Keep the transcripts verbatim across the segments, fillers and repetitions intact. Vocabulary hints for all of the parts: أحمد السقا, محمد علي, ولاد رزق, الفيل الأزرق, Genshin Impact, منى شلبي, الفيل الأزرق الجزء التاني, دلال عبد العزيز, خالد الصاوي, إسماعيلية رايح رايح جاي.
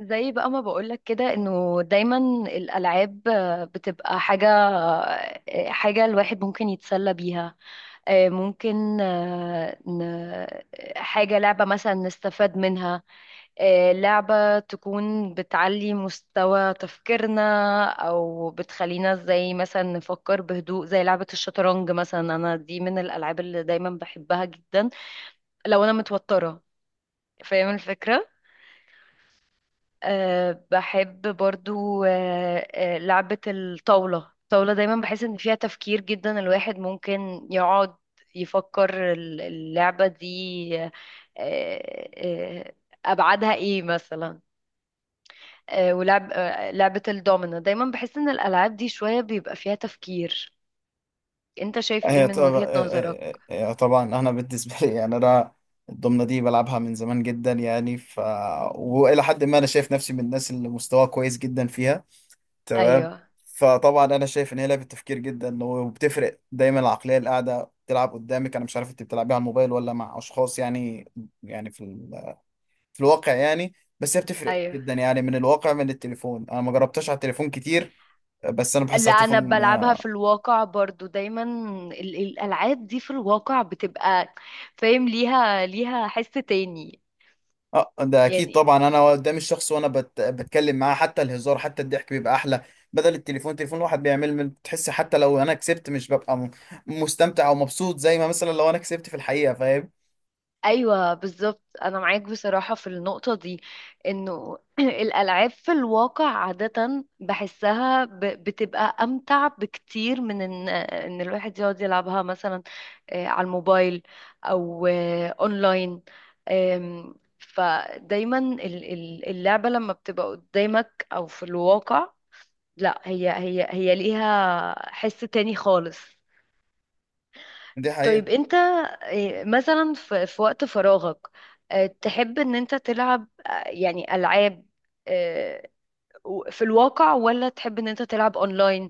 زي بقى ما بقولك كده انه دايما الالعاب آه، بتبقى حاجه. آه، حاجه الواحد ممكن يتسلى بيها. آه، ممكن آه، ن- حاجه، لعبه مثلا نستفاد منها. آه، لعبه تكون بتعلي مستوى تفكيرنا، او بتخلينا زي مثلا نفكر بهدوء، زي لعبه الشطرنج مثلا. انا دي من الالعاب اللي دايما بحبها جدا لو انا متوتره. فاهم الفكره؟ أه بحب برضو أه آه، لعبة الطاولة. الطاولة دايما بحس ان فيها تفكير جدا، الواحد ممكن يقعد يفكر ال- اللعبة دي. أه أه أبعادها ايه مثلا؟ أه ولعب أه لعبة الدومينو، دايما بحس ان الألعاب دي شوية بيبقى فيها تفكير. انت شايف ايه هي من طبعا وجهة نظرك؟ هي طبعا انا بالنسبه لي، يعني انا الضمنه دي بلعبها من زمان جدا، يعني ف والى حد ما انا شايف نفسي من الناس اللي مستواها كويس جدا فيها، تمام. ايوه. فطبعا انا شايف ان هي لعبه تفكير جدا، وبتفرق دايما العقليه اللي قاعده بتلعب قدامك. انا مش عارف انت بتلعبيها على الموبايل ولا مع اشخاص؟ يعني يعني في ال... في الواقع، يعني بس هي بتفرق ايوه. جدا، يعني من الواقع من التليفون. انا ما جربتهاش على التليفون كتير، بس انا بحس لا، على انا التليفون بلعبها في الواقع برضو دايما. ال- الالعاب دي في الواقع بتبقى، فاهم، ليها، ليها حس تاني اه ده اكيد. يعني. طبعا انا قدام الشخص وانا بت... بتكلم معاه، حتى الهزار حتى الضحك بيبقى احلى بدل التليفون التليفون الواحد بيعمل بتحس حتى لو انا كسبت مش ببقى م... مستمتع او مبسوط زي ما مثلا لو انا كسبت في الحقيقة، فاهم؟ ايوه بالظبط، انا معاك بصراحه في النقطه دي. انه الالعاب في الواقع عاده بحسها ب- بتبقى امتع بكتير من ان ان الواحد يقعد يلعبها مثلا آه، على الموبايل، او آه، اونلاين. آم، فدايما ال- ال- اللعبه لما بتبقى قدامك او في الواقع، لا هي هي هي ليها حس تاني خالص. دي حقيقة. طيب انت، آه، مثلا، في في وقت فراغك، آه، تحب ان انت تلعب آه، يعني العاب، آه، و- في الواقع، ولا تحب ان انت تلعب اونلاين؟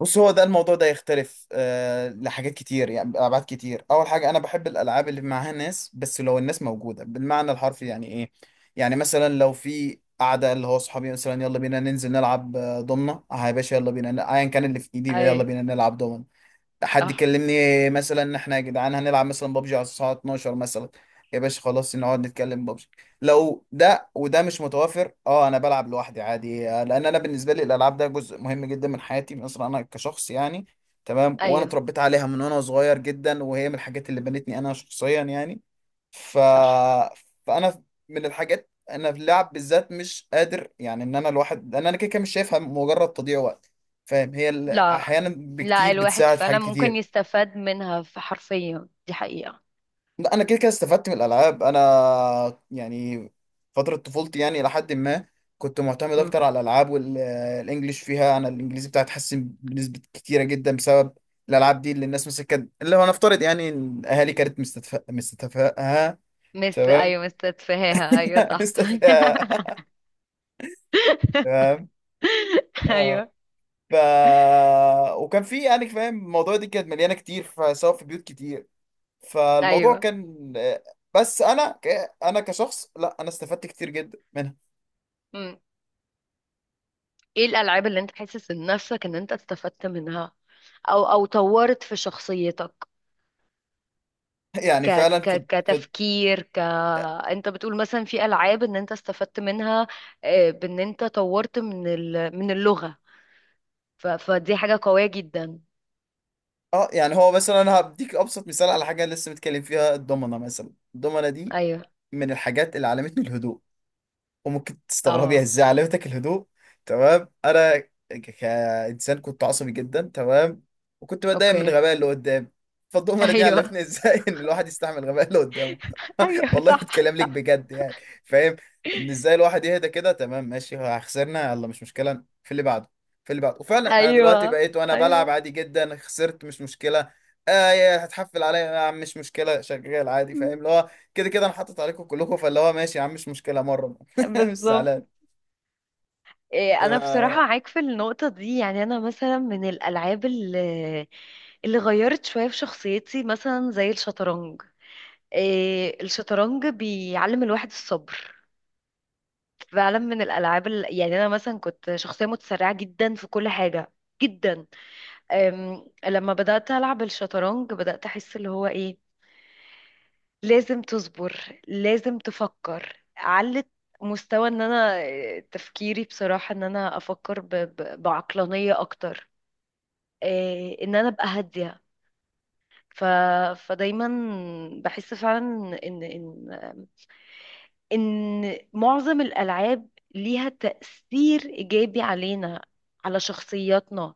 بص، هو ده الموضوع ده يختلف آه لحاجات كتير، يعني ابعاد كتير. اول حاجة انا بحب الالعاب اللي معاها ناس، بس لو الناس موجودة بالمعنى الحرفي، يعني ايه؟ يعني مثلا لو في قعدة، اللي هو صحابي مثلا يلا بينا ننزل نلعب آه، ضمنة، اه يا باشا يلا بينا، ايا كان اللي في ايدي يلا ايوه بينا نلعب ضمنة. حد صح. كلمني مثلا ان احنا يا جدعان هنلعب مثلا بابجي على الساعه اتناشر مثلا، يا باشا خلاص نقعد نتكلم بابجي. لو ده وده مش متوافر، اه انا بلعب لوحدي عادي آه، لان انا بالنسبه لي الالعاب ده جزء مهم جدا من حياتي مثلا، انا كشخص يعني. تمام، وانا ايوه اتربيت عليها من وانا صغير جدا، وهي من الحاجات اللي بنتني انا شخصيا يعني، ف صح. فانا من الحاجات، انا في اللعب بالذات مش قادر، يعني ان انا الواحد، لان انا كده كده مش شايفها مجرد تضييع وقت. فاهم؟ هي ال- لا، احيانا لا، بكتير الواحد بتساعد في فعلا حاجات ممكن كتير. يستفاد منها في، حرفيا، دي حقيقة. لا انا كده كده استفدت من الالعاب انا، يعني فتره طفولتي يعني، الى حد ما كنت معتمد مم. اكتر على الالعاب، والانجليش فيها، انا الانجليزي بتاعي اتحسن بنسبه كتيره جدا بسبب الالعاب دي، اللي الناس مثلا كانت اللي هو نفترض يعني إن الاهالي كانت مستدفئه مستدفئه، مس تمام. ايوه، مستتفهاها، ايوه صح. مستدفئه، تمام. اه ايوه. ف وكان في يعني، فاهم الموضوع دي كانت مليانه كتير، فسواء في بيوت كتير، فالموضوع ايوه، كان آه، بس انا ك... انا كشخص لا، انا استفدت كتير جدا منها. ايه الالعاب اللي انت حاسس ان نفسك ان انت استفدت منها، او او طورت في شخصيتك؟ يعني ك فعلا في ك في كتفكير ك انت بتقول مثلا في العاب ان انت استفدت منها، آه، بان انت طورت من ال... من اللغة. ف... فدي حاجة قوية جدا. اه، يعني هو مثلا انا هديك ابسط مثال على حاجه لسه متكلم فيها، الضمنه مثلا. الضمنه دي ايوه. من الحاجات اللي علمتني الهدوء. وممكن تستغربي اه. ازاي علمتك الهدوء؟ تمام، انا ك- كانسان كنت عصبي جدا، تمام. وكنت بتضايق من اوكي. الغباء اللي قدامي. فالضمنه دي ايوه. علمتني ازاي ان الواحد يستحمل الغباء اللي قدامه. ايوه والله صح. بتكلم لك صح. بجد يعني. فاهم؟ ان ازاي الواحد يهدى كده، تمام ماشي ها، خسرنا يلا مش مشكله، في اللي بعده في اللي بعده وفعلا انا دلوقتي ايوه. بقيت وانا بلعب ايوه عادي جدا، خسرت مش مشكله. آه يا هتحفل عليا يا عم، مش مشكله شغال عادي، فاهم؟ اللي هو كده كده انا حاطط عليكم كلكم، فاللي هو ماشي يا عم، مش مشكله مره. مش بالظبط. إيه، انا زعلان. بصراحة معاك في النقطة دي. يعني انا مثلا من الالعاب اللي اللي غيرت شوية في شخصيتي مثلا زي الشطرنج. إيه، الشطرنج بيعلم الواحد الصبر فعلا. من الالعاب ال- يعني انا مثلا كنت شخصية متسرعة جدا في كل حاجة، جدا. أم، لما بدأت ألعب الشطرنج بدأت أحس اللي هو إيه، لازم تصبر، لازم تفكر. علت مستوى ان انا، إيه، تفكيري بصراحة ان انا افكر ب... ب... بعقلانية اكتر، آه، ان انا ابقى هاديه. ف... فدايما بحس فعلا ان ان ان معظم الالعاب ليها تاثير ايجابي علينا، على شخصياتنا.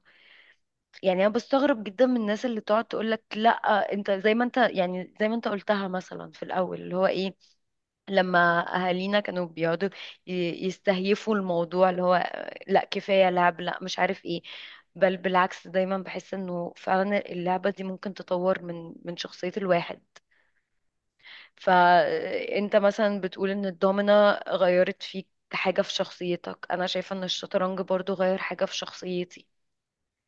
يعني انا بستغرب جدا من الناس اللي تقعد تقول لك لا، انت زي ما انت. يعني زي ما انت قلتها مثلا في الاول، اللي هو ايه، لما اهالينا كانوا بيقعدوا ي- يستهيفوا الموضوع اللي هو لا كفايه لعب، لا مش عارف ايه. بل بالعكس، دايما بحس انه فعلا اللعبه دي ممكن تطور من من شخصيه الواحد. فانت مثلا بتقول ان الدومينه غيرت فيك حاجه في شخصيتك، انا شايفه ان الشطرنج برضو غير حاجه في شخصيتي.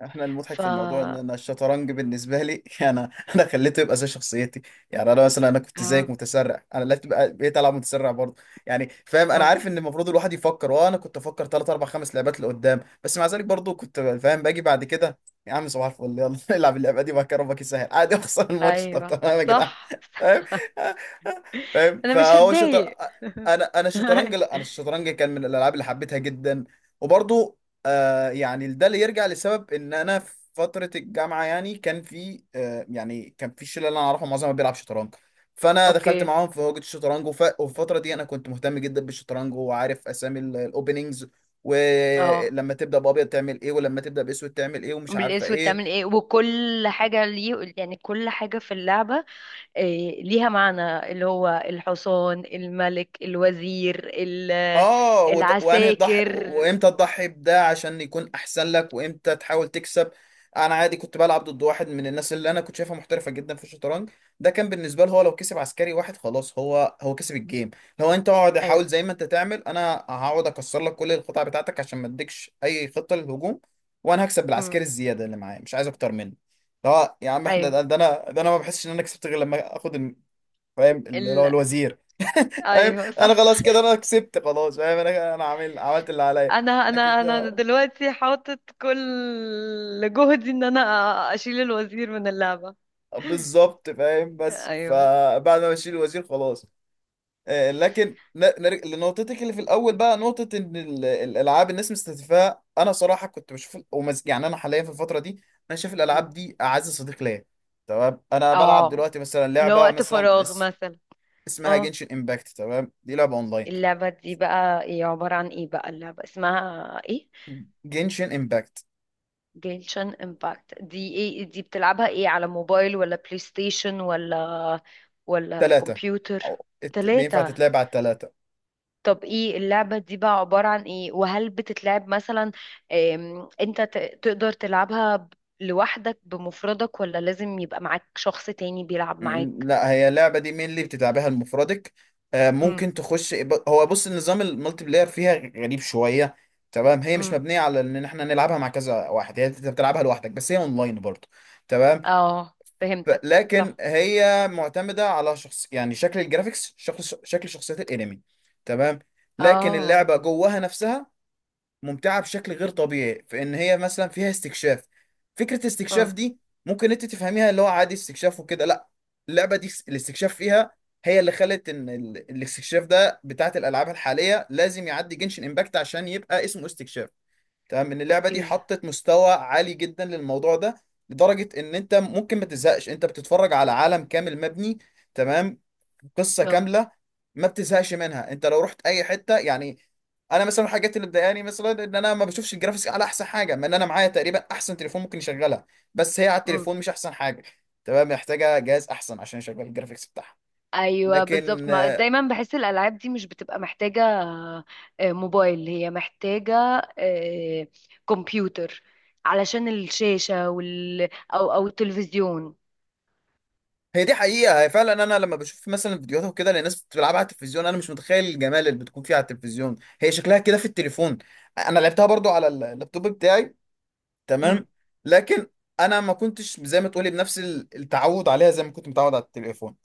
احنا المضحك ف في الموضوع ان آه، انا الشطرنج بالنسبه لي انا انا خليته يبقى زي شخصيتي. يعني انا مثلا انا كنت زيك متسرع، انا لا تبقى بقيت العب متسرع برضه، يعني فاهم؟ انا آه. عارف ان المفروض الواحد يفكر، وانا كنت افكر ثلاث اربع خمس لعبات لقدام، بس مع ذلك برضه كنت فاهم باجي بعد كده، يا عم صباح الفل يلا العب اللعبه دي بقى، ربك يسهل عادي اخسر الماتش، طب ايوه تمام يا جدعان. صح. فاهم فاهم انا مش فهو شطر هتضايق. انا انا الشطرنج لا انا الشطرنج كان من الالعاب اللي حبيتها جدا. وبرضه آه، يعني ده اللي يرجع لسبب ان انا في فتره الجامعه، يعني كان في آه، يعني كان في الشله اللي انا اعرفها معظمها بيلعب شطرنج. فانا دخلت اوكي. معاهم في هوجة الشطرنج وف... وفي الفتره دي انا كنت مهتم جدا بالشطرنج، وعارف اسامي الاوبننجز، اه، ولما تبدا بابيض تعمل ايه، ولما تبدا باسود تعمل ايه، ومش عارفه بالاسود تعمل ايه. ايه؟ وكل حاجة ليه، يعني كل حاجة في اللعبة إيه ليها معنى، اللي هو الحصان، الملك، الوزير، ال- اه وت... وانهي تضحي العساكر. وامتى تضحي بده، عشان يكون احسن لك، وامتى تحاول تكسب. انا عادي كنت بلعب ضد واحد من الناس اللي انا كنت شايفها محترفه جدا في الشطرنج. ده كان بالنسبه له، هو لو كسب عسكري واحد خلاص، هو هو كسب الجيم. لو انت اقعد ايوه. حاول زي ما انت تعمل، انا هقعد اكسر لك كل القطع بتاعتك عشان ما اديكش اي خطه للهجوم، وانا هكسب بالعسكري امم. الزياده اللي معايا، مش عايز اكتر منه. لا يا عم احنا ايوه. ده, ده انا ده انا ما بحسش ان انا كسبت غير لما اخد ال- فاهم اللي هو ال... الوزير. فاهم؟ ايوه انا صح. خلاص كده انا كسبت خلاص، فاهم؟ انا انا عامل عملت اللي عليا، انا لكن انا انا ده دلوقتي حاطط كل جهدي ان انا اشيل الوزير من اللعبة. بالظبط. فاهم؟ بس ايوه. فبعد ما بشيل الوزير خلاص، آه، لكن ن- نرجع لنقطتك اللي في الاول بقى، نقطه ان ال- الالعاب الناس مستهدفاها، انا صراحه كنت بشوف ومز... يعني انا حاليا في الفتره دي انا شايف الالعاب مم. دي اعز صديق ليا. تمام، انا بلعب اه، دلوقتي مثلا اللي هو لعبه وقت مثلا فراغ اس... مثلا. اسمها آه. جنشن امباكت. تمام، دي لعبه اونلاين. اللعبة دي بقى، ايه عبارة عن ايه بقى اللعبة؟ اسمها ايه؟ جنشن امباكت، جيلشن امباكت، دي ايه؟ دي بتلعبها ايه، على موبايل ولا بلاي ستيشن ولا ولا ثلاثه كمبيوتر؟ أو... ات- بينفع تلاتة؟ تتلعب على الثلاثه. طب ايه اللعبة دي بقى عبارة عن ايه؟ وهل بتتلعب مثلا، ام، انت ت- تقدر تلعبها ب- لوحدك بمفردك، ولا لازم يبقى معاك شخص تاني بيلعب م- معاك؟ لا، هي اللعبة دي مين اللي بتلعبها المفردك، آه، امم. ممكن تخش ب- هو بص، النظام المالتي بلاير فيها غريب شوية. تمام، هي مش امم. مبنية على ان احنا نلعبها مع كذا واحد، هي انت بتلعبها لوحدك، بس هي اونلاين برضه. تمام. اه ف- فهمتك، لكن صح. هي معتمدة على شخص، يعني شكل الجرافيكس، شكل شكل شخصيات الانمي. تمام، لكن اه. اللعبة جواها نفسها ممتعة بشكل غير طبيعي، في ان هي مثلا فيها استكشاف. فكرة استكشاف اه. دي ممكن انت تفهميها اللي هو عادي استكشاف وكده، لا، اللعبة دي الاستكشاف فيها هي اللي خلت ان ال- الاستكشاف ده بتاعت الالعاب الحالية لازم يعدي جنشن امباكت عشان يبقى اسمه استكشاف. تمام، ان اللعبه دي اوكي. حطت مستوى عالي جدا للموضوع ده، لدرجه ان انت ممكن ما تزهقش. انت بتتفرج على عالم كامل مبني، تمام، قصه اه. كامله، ما بتزهقش منها انت لو رحت اي حته، يعني. انا مثلا الحاجات اللي مضايقاني مثلا ان انا ما بشوفش الجرافيكس على احسن حاجه، ما ان انا معايا تقريبا احسن تليفون ممكن يشغلها، بس هي على التليفون مش احسن حاجه، تمام، محتاجه جهاز احسن عشان يشغل الجرافيكس بتاعها. ايوه بالظبط، لكن ما دايما بحس الالعاب دي مش بتبقى محتاجه آه، موبايل، هي محتاجه آه، كمبيوتر علشان الشاشه وال، او او التلفزيون. هي دي حقيقة، هي فعلا أنا لما بشوف مثلا فيديوهات وكده لناس بتلعبها على التلفزيون، أنا مش متخيل الجمال اللي بتكون فيها على التلفزيون، هي شكلها كده في التليفون. أنا لعبتها برضو على اللابتوب بتاعي، تمام، امم. لكن أنا ما كنتش زي ما تقولي بنفس التعود عليها، زي ما كنت متعود على التليفون.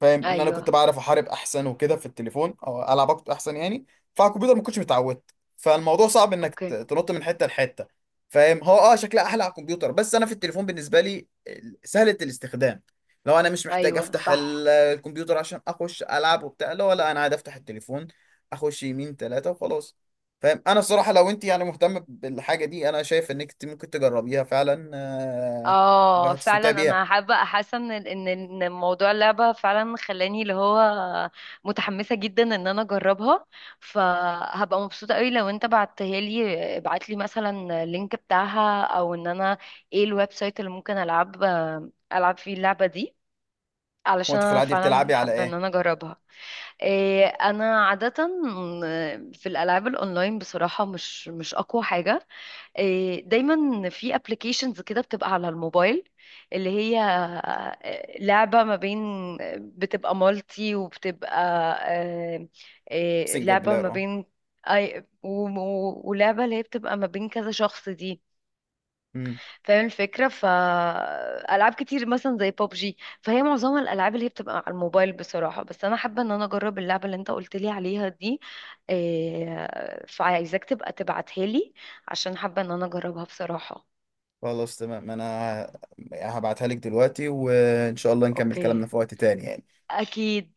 فاهم؟ ان انا ايوه. كنت بعرف احارب احسن وكده في التليفون، او العب اكتر احسن يعني، فعلى الكمبيوتر ما كنتش متعود، فالموضوع صعب انك ت- اوكي. تنط من حته لحته. فاهم؟ هو اه شكلها احلى على الكمبيوتر، بس انا في التليفون بالنسبه لي ال- سهله الاستخدام. لو انا مش محتاج ايوه افتح ال- صح. الكمبيوتر عشان اخش العب وبتاع، لا، ولا انا عادي افتح التليفون اخش يمين ثلاثه وخلاص. فاهم؟ انا الصراحه لو انت يعني مهتم بالحاجه دي، انا شايف انك ت- ممكن تجربيها فعلا آه، اه وهتستمتعي فعلا بيها. انا حابه احس ان ان إن موضوع اللعبه فعلا خلاني اللي هو متحمسه جدا ان انا اجربها. فهبقى مبسوطه قوي لو انت بعتها لي. ابعت لي مثلا اللينك بتاعها، او ان انا، ايه الويب سايت اللي ممكن العب العب فيه اللعبه دي؟ علشان وانت في انا العادي فعلا بتلعبي على حابه ان ايه؟ انا اجربها. إيه انا عاده في الالعاب الاونلاين بصراحه مش مش اقوى حاجه. آه، دايما في ابلكيشنز كده بتبقى على الموبايل، اللي هي آه، لعبة ما بين، بتبقى مالتي وبتبقى آه، آه، سنجل لعبة ما بلاير اه. بين أي، و- و- ولعبة اللي هي بتبقى ما بين كذا شخص دي. مم. فاهم الفكرة. فألعاب كتير مثلا زي بابجي، فهي معظمها الألعاب اللي هي بتبقى على الموبايل بصراحة. بس أنا حابة إن أنا أجرب اللعبة اللي أنت قلت لي عليها دي. آه، فعايزاك تبقى تبعتها لي عشان حابة إن أنا أجربها بصراحة. خلاص تمام، انا ه- هبعتها لك دلوقتي، وان شاء الله نكمل كلامنا اوكي. في وقت تاني، اكيد.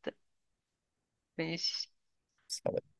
ماشي. يعني.